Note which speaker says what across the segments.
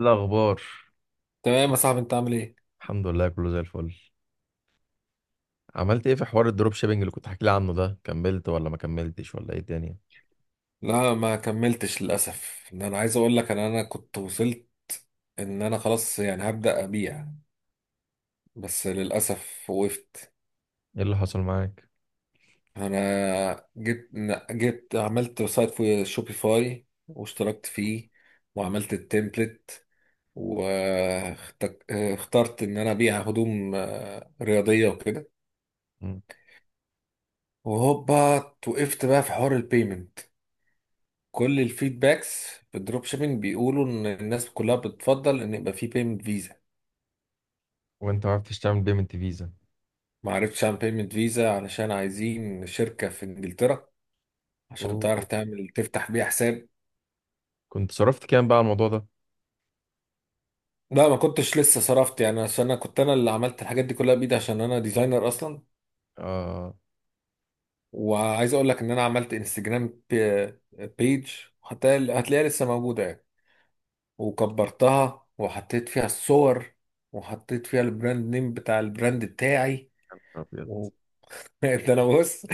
Speaker 1: إيه الأخبار؟
Speaker 2: تمام يا صاحبي، انت عامل ايه؟
Speaker 1: الحمد لله، كله زي الفل. عملت ايه في حوار الدروب شيبينج اللي كنت حكي لي عنه ده؟ كملت ولا ما كملتش ولا ايه الدنيا؟
Speaker 2: لا ما كملتش للاسف. انا عايز اقول لك ان انا كنت وصلت ان انا خلاص، هبدا ابيع. بس للاسف وقفت.
Speaker 1: ايه اللي حصل معاك؟
Speaker 2: انا جبت عملت سايت في شوبيفاي واشتركت فيه، وعملت التمبلت، واخترت ان انا ابيع هدوم رياضيه وكده.
Speaker 1: مم.
Speaker 2: وهوبا وقفت بقى في حوار البيمنت. كل الفيدباكس في الدروب شيبينج بيقولوا ان الناس كلها بتفضل ان يبقى في بيمنت فيزا.
Speaker 1: وانت ما عرفتش تعمل بيمنت فيزا؟
Speaker 2: ما عرفتش اعمل بيمنت فيزا علشان عايزين شركة في انجلترا عشان تعرف
Speaker 1: أوه.
Speaker 2: تعمل تفتح بيها حساب.
Speaker 1: كنت صرفت كام بقى على الموضوع ده؟
Speaker 2: لا ما كنتش لسه صرفت، يعني عشان انا كنت انا اللي عملت الحاجات دي كلها بايدي عشان انا ديزاينر اصلا.
Speaker 1: اه.
Speaker 2: وعايز اقول لك ان انا عملت انستجرام بيج، حتى هتلاقيها لسه موجودة يعني، وكبرتها وحطيت فيها الصور، وحطيت فيها البراند نيم بتاع البراند بتاعي.
Speaker 1: ابيض.
Speaker 2: ده انا بص،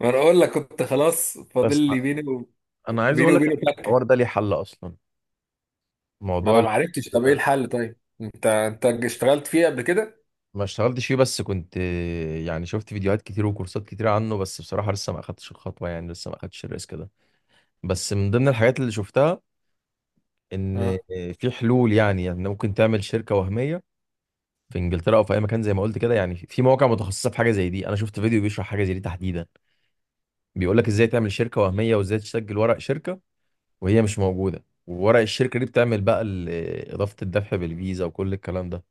Speaker 2: ما انا اقول لك كنت خلاص فاضل
Speaker 1: بس
Speaker 2: لي
Speaker 1: انا عايز
Speaker 2: بيني
Speaker 1: اقول لك
Speaker 2: وبينه
Speaker 1: إن الحوار
Speaker 2: فكه.
Speaker 1: ده ليه حل اصلا.
Speaker 2: ما
Speaker 1: موضوع
Speaker 2: انا
Speaker 1: ال-
Speaker 2: ما عرفتش، طب ايه
Speaker 1: ده
Speaker 2: الحل؟ طيب انت اشتغلت فيه قبل كده؟
Speaker 1: ما اشتغلتش فيه بس كنت، يعني شفت فيديوهات كتير وكورسات كتير عنه، بس بصراحة لسه ما اخدتش الخطوة، يعني لسه ما اخدتش الريسك ده. بس من ضمن الحاجات اللي شفتها ان
Speaker 2: اه
Speaker 1: في حلول، يعني ممكن تعمل شركه وهميه في انجلترا او في اي مكان زي ما قلت كده، يعني في مواقع متخصصه في حاجه زي دي. انا شفت فيديو بيشرح حاجه زي دي تحديدا، بيقول لك ازاي تعمل شركه وهميه وازاي تسجل ورق شركه وهي مش موجوده، وورق الشركه دي بتعمل بقى اضافه الدفع بالفيزا وكل الكلام ده.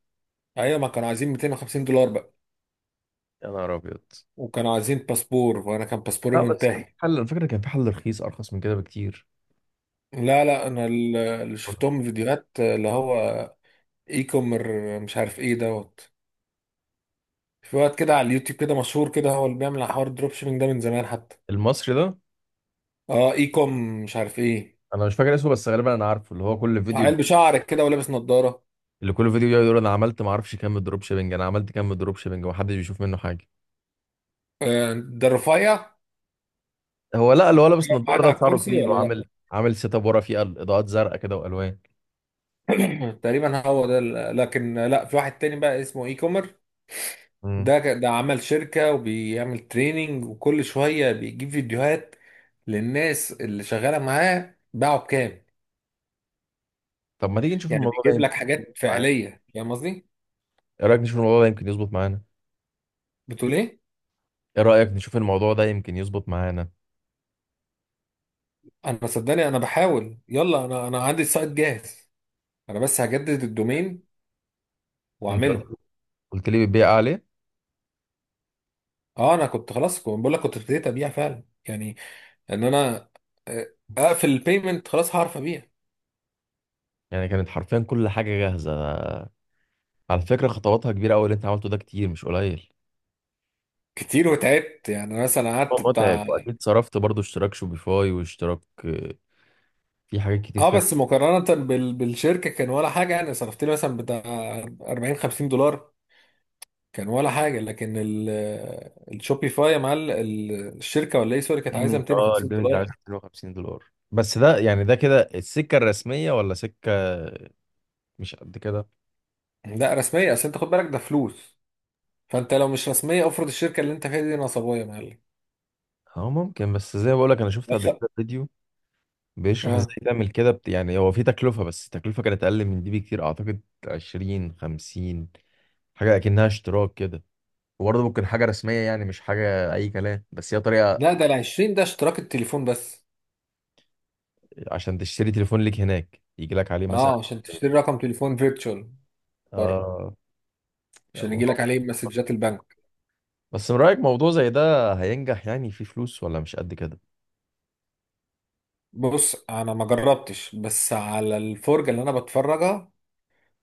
Speaker 2: ايوه، ما كانوا عايزين 250 دولار بقى،
Speaker 1: يا نهار ابيض.
Speaker 2: وكانوا عايزين باسبور وانا كان باسبوري
Speaker 1: لا بس كان في
Speaker 2: منتهي.
Speaker 1: حل، الفكره كان في حل رخيص، ارخص من كده بكتير.
Speaker 2: لا لا، انا اللي شفتهم فيديوهات اللي هو اي كومر مش عارف ايه دوت، في وقت كده على اليوتيوب كده مشهور كده، هو اللي بيعمل حوار الدروب شيبينج ده من زمان حتى.
Speaker 1: المصري ده؟
Speaker 2: اه اي كوم مش عارف ايه.
Speaker 1: انا مش فاكر اسمه بس غالبا انا عارفه، اللي هو كل
Speaker 2: عيل بشعرك كده ولابس نظاره؟
Speaker 1: اللي كل فيديو بيقعد يقول انا عملت ما اعرفش كام دروب شيبنج، انا عملت كام دروب شيبنج ومحدش بيشوف منه حاجه.
Speaker 2: ده الرفيع،
Speaker 1: هو لا، اللي هو لابس
Speaker 2: قاعد
Speaker 1: نضاره ده
Speaker 2: على
Speaker 1: شعره
Speaker 2: الكرسي
Speaker 1: طويل،
Speaker 2: ولا لا؟
Speaker 1: وعامل سيت اب ورا فيه اضاءات زرقاء كده والوان.
Speaker 2: تقريبا هو ده. لكن لا، في واحد تاني بقى اسمه اي كومر،
Speaker 1: امم.
Speaker 2: ده عمل شركة وبيعمل تريننج، وكل شوية بيجيب فيديوهات للناس اللي شغالة معاه باعوا بكام.
Speaker 1: طب ما تيجي نشوف
Speaker 2: يعني
Speaker 1: الموضوع ده
Speaker 2: بيجيب
Speaker 1: يمكن
Speaker 2: لك حاجات
Speaker 1: معانا؟
Speaker 2: فعلية، فاهم قصدي؟
Speaker 1: ايه رايك نشوف الموضوع ده يمكن يظبط معانا؟
Speaker 2: بتقول ايه؟
Speaker 1: ايه رايك نشوف الموضوع ده يمكن يظبط معانا؟
Speaker 2: انا صدقني انا بحاول، يلا انا عندي السايت جاهز، انا بس هجدد الدومين
Speaker 1: انت
Speaker 2: واعمله.
Speaker 1: قلت لي بتبيع عليه؟
Speaker 2: اه انا كنت خلاص، كنت بقول لك كنت ابتديت ابيع فعلا يعني. ان انا آه، اقفل البيمنت خلاص هعرف ابيع.
Speaker 1: يعني كانت حرفيا كل حاجه جاهزه، على فكره خطواتها كبيره قوي اللي انت عملته ده، كتير مش قليل.
Speaker 2: كتير وتعبت يعني، مثلا قعدت
Speaker 1: هو متعب
Speaker 2: بتاع.
Speaker 1: واكيد صرفت برضو اشتراك شوبيفاي واشتراك في حاجات كتير
Speaker 2: اه
Speaker 1: فيها.
Speaker 2: بس مقارنة بالشركة كان ولا حاجة، يعني صرفت لي مثلا بتاع 40 50 دولار كان ولا حاجة. لكن الشوبيفاي يا معلم الشركة ولا ايه، سوري، كانت عايزة
Speaker 1: البيمنت اه،
Speaker 2: 250
Speaker 1: البيمنت ده
Speaker 2: دولار
Speaker 1: عايز 250 دولار. بس ده يعني ده كده السكه الرسميه ولا سكه مش قد كده؟
Speaker 2: لا رسمية، اصل انت خد بالك ده فلوس، فانت لو مش رسمية افرض الشركة اللي انت فيها دي نصابية يا معلم.
Speaker 1: اه ممكن. بس زي ما بقولك انا شفت قبل
Speaker 2: أخ-
Speaker 1: كده فيديو بيشرح ازاي
Speaker 2: اه
Speaker 1: تعمل كده يعني هو في تكلفة، بس التكلفة كانت اقل من دي بكتير اعتقد، 20 50، حاجة اكنها اشتراك كده. وبرضه ممكن حاجة رسمية، يعني مش حاجة اي كلام، بس هي طريقة
Speaker 2: لا، ده ال 20 ده اشتراك التليفون بس.
Speaker 1: عشان تشتري تليفون ليك هناك يجي لك عليه مثلا.
Speaker 2: اه عشان تشتري رقم تليفون فيرتشوال بره،
Speaker 1: اه.
Speaker 2: عشان يجي
Speaker 1: الموضوع
Speaker 2: لك عليه مسجات البنك.
Speaker 1: بس من رأيك موضوع زي ده هينجح؟ يعني في فلوس ولا مش قد كده؟
Speaker 2: بص انا ما جربتش، بس على الفرجه اللي انا بتفرجها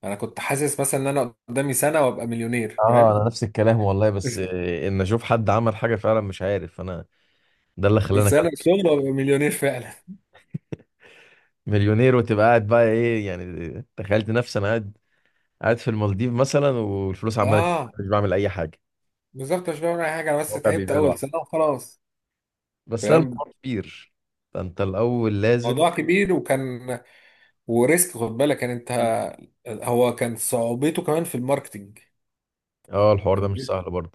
Speaker 2: انا كنت حاسس مثلا ان انا قدامي سنه وابقى مليونير،
Speaker 1: اه
Speaker 2: فاهم؟
Speaker 1: انا نفس الكلام والله، بس ان اشوف حد عمل حاجة فعلا مش عارف انا. ده اللي خلاني.
Speaker 2: سنه شغل وابقى مليونير فعلا.
Speaker 1: مليونير وتبقى قاعد بقى ايه، يعني تخيلت نفسي انا قاعد في المالديف مثلا، والفلوس عماله تجيلي،
Speaker 2: اه
Speaker 1: مش بعمل اي حاجه.
Speaker 2: بالظبط، مش بعمل اي حاجه، انا بس
Speaker 1: الواقع
Speaker 2: تعبت
Speaker 1: بيبيع
Speaker 2: اول
Speaker 1: لوحده.
Speaker 2: سنه وخلاص.
Speaker 1: بس لا،
Speaker 2: فاهم؟
Speaker 1: الموضوع كبير، فانت الاول لازم.
Speaker 2: موضوع كبير، وكان وريسك، خد بالك يعني انت.
Speaker 1: مم.
Speaker 2: هو كان صعوبته كمان في الماركتينج.
Speaker 1: اه، الحوار ده مش سهل برضه.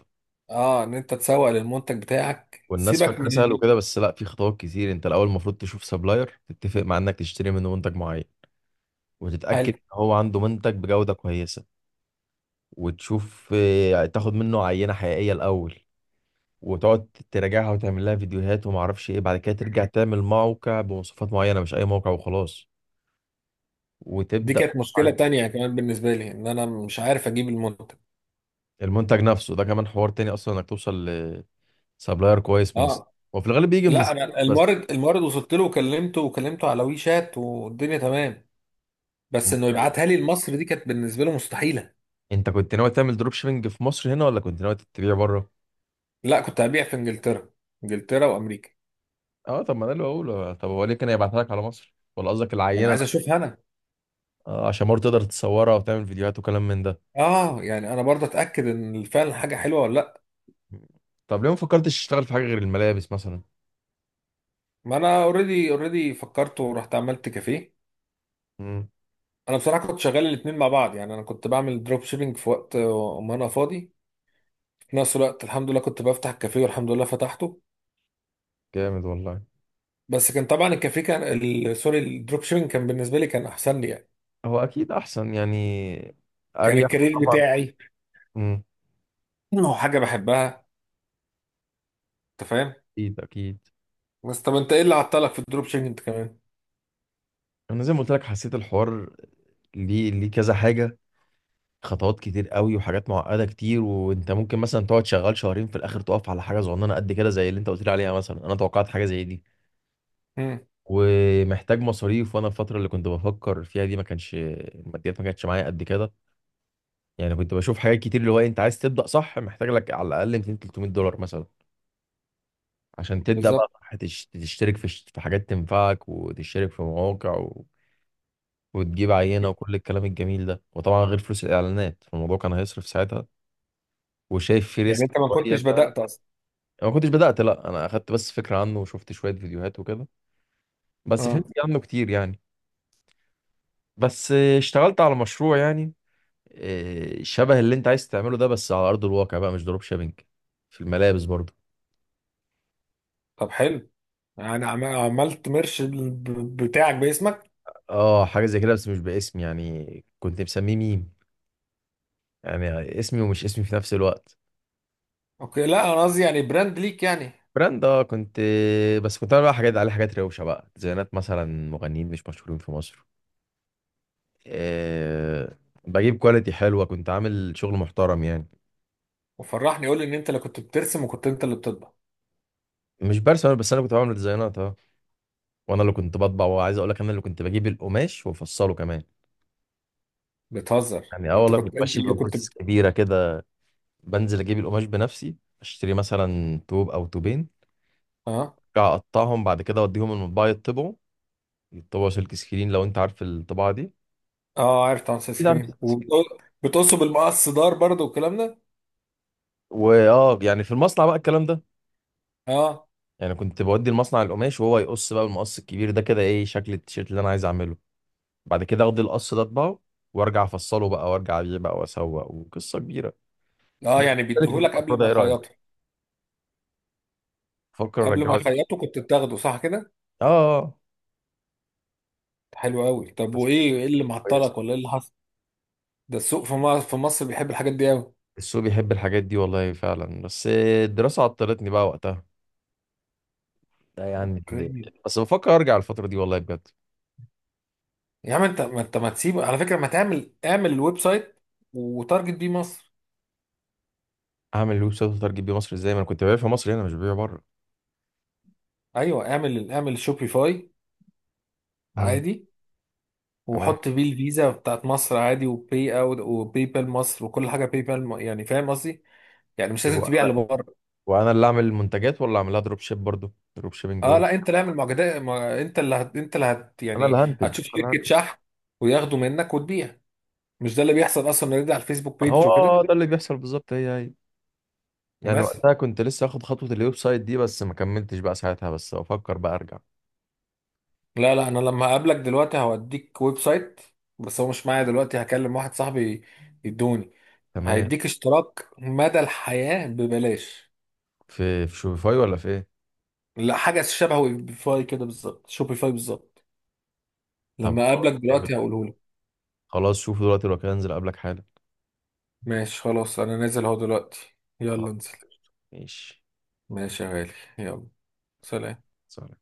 Speaker 2: اه ان انت تسوق للمنتج بتاعك،
Speaker 1: والناس
Speaker 2: سيبك
Speaker 1: فاكره سهل وكده، بس لا، في خطوات كتير. انت الاول المفروض تشوف سبلاير تتفق مع انك تشتري منه منتج معين، وتتاكد
Speaker 2: حلو.
Speaker 1: ان هو عنده منتج بجوده كويسه، وتشوف، تاخد منه عينه حقيقيه الاول، وتقعد تراجعها وتعمل لها فيديوهات وما اعرفش ايه. بعد كده ترجع تعمل موقع بمواصفات معينه، مش اي موقع وخلاص،
Speaker 2: دي
Speaker 1: وتبدا.
Speaker 2: كانت مشكله تانية كمان بالنسبه لي، ان انا مش عارف اجيب المنتج.
Speaker 1: المنتج نفسه ده كمان حوار تاني اصلا، انك توصل لسبلاير كويس من الصين.
Speaker 2: اه
Speaker 1: وفي الغالب بيجي من
Speaker 2: لا،
Speaker 1: الصين
Speaker 2: انا
Speaker 1: بس.
Speaker 2: المورد وصلت له وكلمته، وكلمته على وي شات والدنيا تمام، بس انه
Speaker 1: حلو.
Speaker 2: يبعتها لي لمصر دي كانت بالنسبه له مستحيله.
Speaker 1: انت كنت ناوي تعمل دروب شيبنج في مصر هنا ولا كنت ناوي تبيع بره؟
Speaker 2: لا كنت هبيع في انجلترا، انجلترا وامريكا.
Speaker 1: اه. طب ما ده اللي بقوله، طب هو ليه كان يبعتها لك على مصر؟ ولا قصدك
Speaker 2: ما انا
Speaker 1: العينه؟
Speaker 2: عايز اشوفها انا.
Speaker 1: آه، عشان برضه تقدر تصورها وتعمل فيديوهات وكلام من ده.
Speaker 2: اه يعني انا برضه اتاكد ان فعلا حاجه حلوه ولا لا.
Speaker 1: طب ليه ما فكرتش تشتغل في حاجه غير الملابس مثلا؟
Speaker 2: ما انا اوريدي اوريدي، فكرت ورحت عملت كافيه.
Speaker 1: امم.
Speaker 2: انا بصراحه كنت شغال الاثنين مع بعض، يعني انا كنت بعمل دروب شيبينج في وقت ما انا فاضي، في نفس الوقت الحمد لله كنت بفتح الكافيه والحمد لله فتحته.
Speaker 1: جامد والله.
Speaker 2: بس كان طبعا الكافيه كان سوري، الدروب شيبينج كان بالنسبه لي كان احسن لي يعني.
Speaker 1: هو اكيد احسن يعني،
Speaker 2: كان
Speaker 1: اريح.
Speaker 2: الكارير
Speaker 1: طبعا.
Speaker 2: بتاعي،
Speaker 1: مم.
Speaker 2: انه حاجه بحبها، انت فاهم؟
Speaker 1: اكيد اكيد.
Speaker 2: بس طب انت ايه اللي عطلك في الدروب شيبنج انت كمان؟
Speaker 1: انا زي ما قلت لك حسيت الحوار ليه كذا حاجه، خطوات كتير قوي وحاجات معقده كتير. وانت ممكن مثلا تقعد شغال شهرين في الاخر تقف على حاجه صغننه قد كده زي اللي انت قلت لي عليها مثلا. انا توقعت حاجه زي دي
Speaker 2: امم،
Speaker 1: ومحتاج مصاريف. وانا الفتره اللي كنت بفكر فيها دي ما كانش الماديات ما كانتش معايا قد كده. يعني كنت بشوف حاجات كتير، اللي هو انت عايز تبدا صح، محتاج لك على الاقل 200 300 دولار مثلا عشان تبدأ بقى،
Speaker 2: بالظبط.
Speaker 1: تشترك في في حاجات تنفعك، وتشترك في مواقع وتجيب عينة وكل الكلام الجميل ده. وطبعا غير فلوس الإعلانات، فالموضوع كان هيصرف ساعتها. وشايف في
Speaker 2: يعني
Speaker 1: ريسك
Speaker 2: انت ما
Speaker 1: شوية
Speaker 2: كنتش بدأت اصلا.
Speaker 1: أنا ما كنتش بدأت، لا أنا أخدت بس فكرة عنه وشفت شوية فيديوهات وكده، بس فهمت
Speaker 2: اه
Speaker 1: عنه كتير يعني. بس اشتغلت على مشروع يعني، شبه اللي أنت عايز تعمله ده بس على أرض الواقع بقى، مش دروب شيبينج، في الملابس برضه.
Speaker 2: طب حلو. يعني عملت مرش بتاعك باسمك؟
Speaker 1: اه حاجة زي كده، بس مش باسمي، يعني كنت مسميه ميم، يعني اسمي ومش اسمي في نفس الوقت.
Speaker 2: اوكي، لا انا قصدي يعني براند ليك يعني.
Speaker 1: براند اه، كنت. بس كنت بعمل بقى حاجات عليه، حاجات روشه بقى، ديزاينات مثلا مغنيين مش مشهورين في مصر. أه. بجيب كواليتي حلوه، كنت عامل شغل محترم يعني.
Speaker 2: وفرحني، قول لي ان انت اللي كنت بترسم وكنت انت اللي بتطبع.
Speaker 1: مش برسم أنا، بس انا كنت بعمل ديزاينات اه. وانا اللي كنت بطبع. وعايز اقول لك انا اللي كنت بجيب القماش وافصله كمان،
Speaker 2: بتهزر،
Speaker 1: يعني اه
Speaker 2: انت
Speaker 1: والله
Speaker 2: كنت
Speaker 1: كنت
Speaker 2: انت
Speaker 1: ماشي
Speaker 2: اللي
Speaker 1: ببروسيس كبيره كده. بنزل اجيب القماش بنفسي، اشتري مثلا توب او توبين،
Speaker 2: اه.
Speaker 1: أرجع اقطعهم بعد كده، اوديهم المطبعه يطبعوا سلك سكرين، لو انت عارف الطباعه دي
Speaker 2: اه عارف طبعا، سكرين
Speaker 1: اكيد عارف سلك
Speaker 2: سكرين،
Speaker 1: سكرين.
Speaker 2: وبتقصه بالمقص دار برضه والكلام ده.
Speaker 1: واه يعني في المصنع بقى الكلام ده.
Speaker 2: اه
Speaker 1: يعني كنت بودي المصنع القماش وهو يقص بقى بالمقص الكبير ده كده، ايه شكل التيشيرت اللي انا عايز اعمله. بعد كده اخد القص ده اطبعه، وارجع افصله بقى، وارجع ابيع بقى واسوق. وقصه كبيره.
Speaker 2: اه
Speaker 1: ما
Speaker 2: يعني
Speaker 1: تختلفي في
Speaker 2: بيديهولك
Speaker 1: المشروع
Speaker 2: قبل
Speaker 1: ده،
Speaker 2: ما
Speaker 1: ايه رايك؟
Speaker 2: يخيطه،
Speaker 1: فكر
Speaker 2: قبل ما
Speaker 1: ارجعه تاني.
Speaker 2: يخيطوا كنت بتاخده، صح كده؟
Speaker 1: اه. آه.
Speaker 2: حلو قوي. طب
Speaker 1: بس
Speaker 2: وايه، ايه اللي
Speaker 1: كويس.
Speaker 2: معطلك ولا ايه اللي حصل؟ ده السوق في مصر، في مصر بيحب الحاجات دي قوي.
Speaker 1: السوق بيحب الحاجات دي والله فعلا، بس الدراسه عطلتني بقى وقتها. ده يعني
Speaker 2: اوكي،
Speaker 1: بس بفكر ارجع الفتره دي والله بجد.
Speaker 2: يا عم انت، ما انت ما تسيب، على فكره ما تعمل، اعمل الويب سايت وتارجت بيه مصر.
Speaker 1: اعمل الويب سايت واترجم بيه مصر ازاي؟ ما انا كنت ببيع في مصر هنا مش ببيع بره.
Speaker 2: ايوه، اعمل اعمل شوبيفاي
Speaker 1: امم.
Speaker 2: عادي،
Speaker 1: تمام.
Speaker 2: وحط بيه الفيزا بتاعت مصر عادي، وباي اوت وباي بال مصر وكل حاجه باي بال يعني فاهم قصدي؟ يعني مش لازم تبيع
Speaker 1: وانا
Speaker 2: لبره.
Speaker 1: وأنا اللي اعمل المنتجات ولا اعملها دروب شيب برضه، دروب شيبنج
Speaker 2: اه
Speaker 1: برضه.
Speaker 2: لا، انت اللي اعمل معجزات، انت اللي انت اللي هت،
Speaker 1: انا اللي
Speaker 2: يعني
Speaker 1: هنتج، انا
Speaker 2: هتشوف
Speaker 1: اللي
Speaker 2: شركه
Speaker 1: هنتج.
Speaker 2: شحن وياخدوا منك وتبيع، مش ده اللي بيحصل اصلا؟ نرجع على الفيسبوك
Speaker 1: ما هو
Speaker 2: بيج وكده
Speaker 1: ده اللي بيحصل بالظبط، هي هي. يعني
Speaker 2: بس.
Speaker 1: وقتها كنت لسه اخد خطوة الويب سايت دي، بس ما كملتش بقى ساعتها، بس بفكر بقى ارجع.
Speaker 2: لا لا، انا لما هقابلك دلوقتي هوديك ويب سايت، بس هو مش معايا دلوقتي، هكلم واحد صاحبي يدوني.
Speaker 1: تمام.
Speaker 2: هيديك اشتراك مدى الحياة ببلاش.
Speaker 1: في شوفيفاي ولا في ايه؟
Speaker 2: لا حاجة شبه ويبيفاي كده بالظبط، شوبيفاي بالظبط.
Speaker 1: طب.
Speaker 2: لما اقابلك
Speaker 1: جامد.
Speaker 2: دلوقتي هقوله لك.
Speaker 1: خلاص شوف دلوقتي، لو كده انزل اقابلك حالا.
Speaker 2: ماشي خلاص، انا نازل اهو دلوقتي.
Speaker 1: خلاص،
Speaker 2: يلا انزل.
Speaker 1: ماشي.
Speaker 2: ماشي يا غالي. يلا. سلام.
Speaker 1: سلام.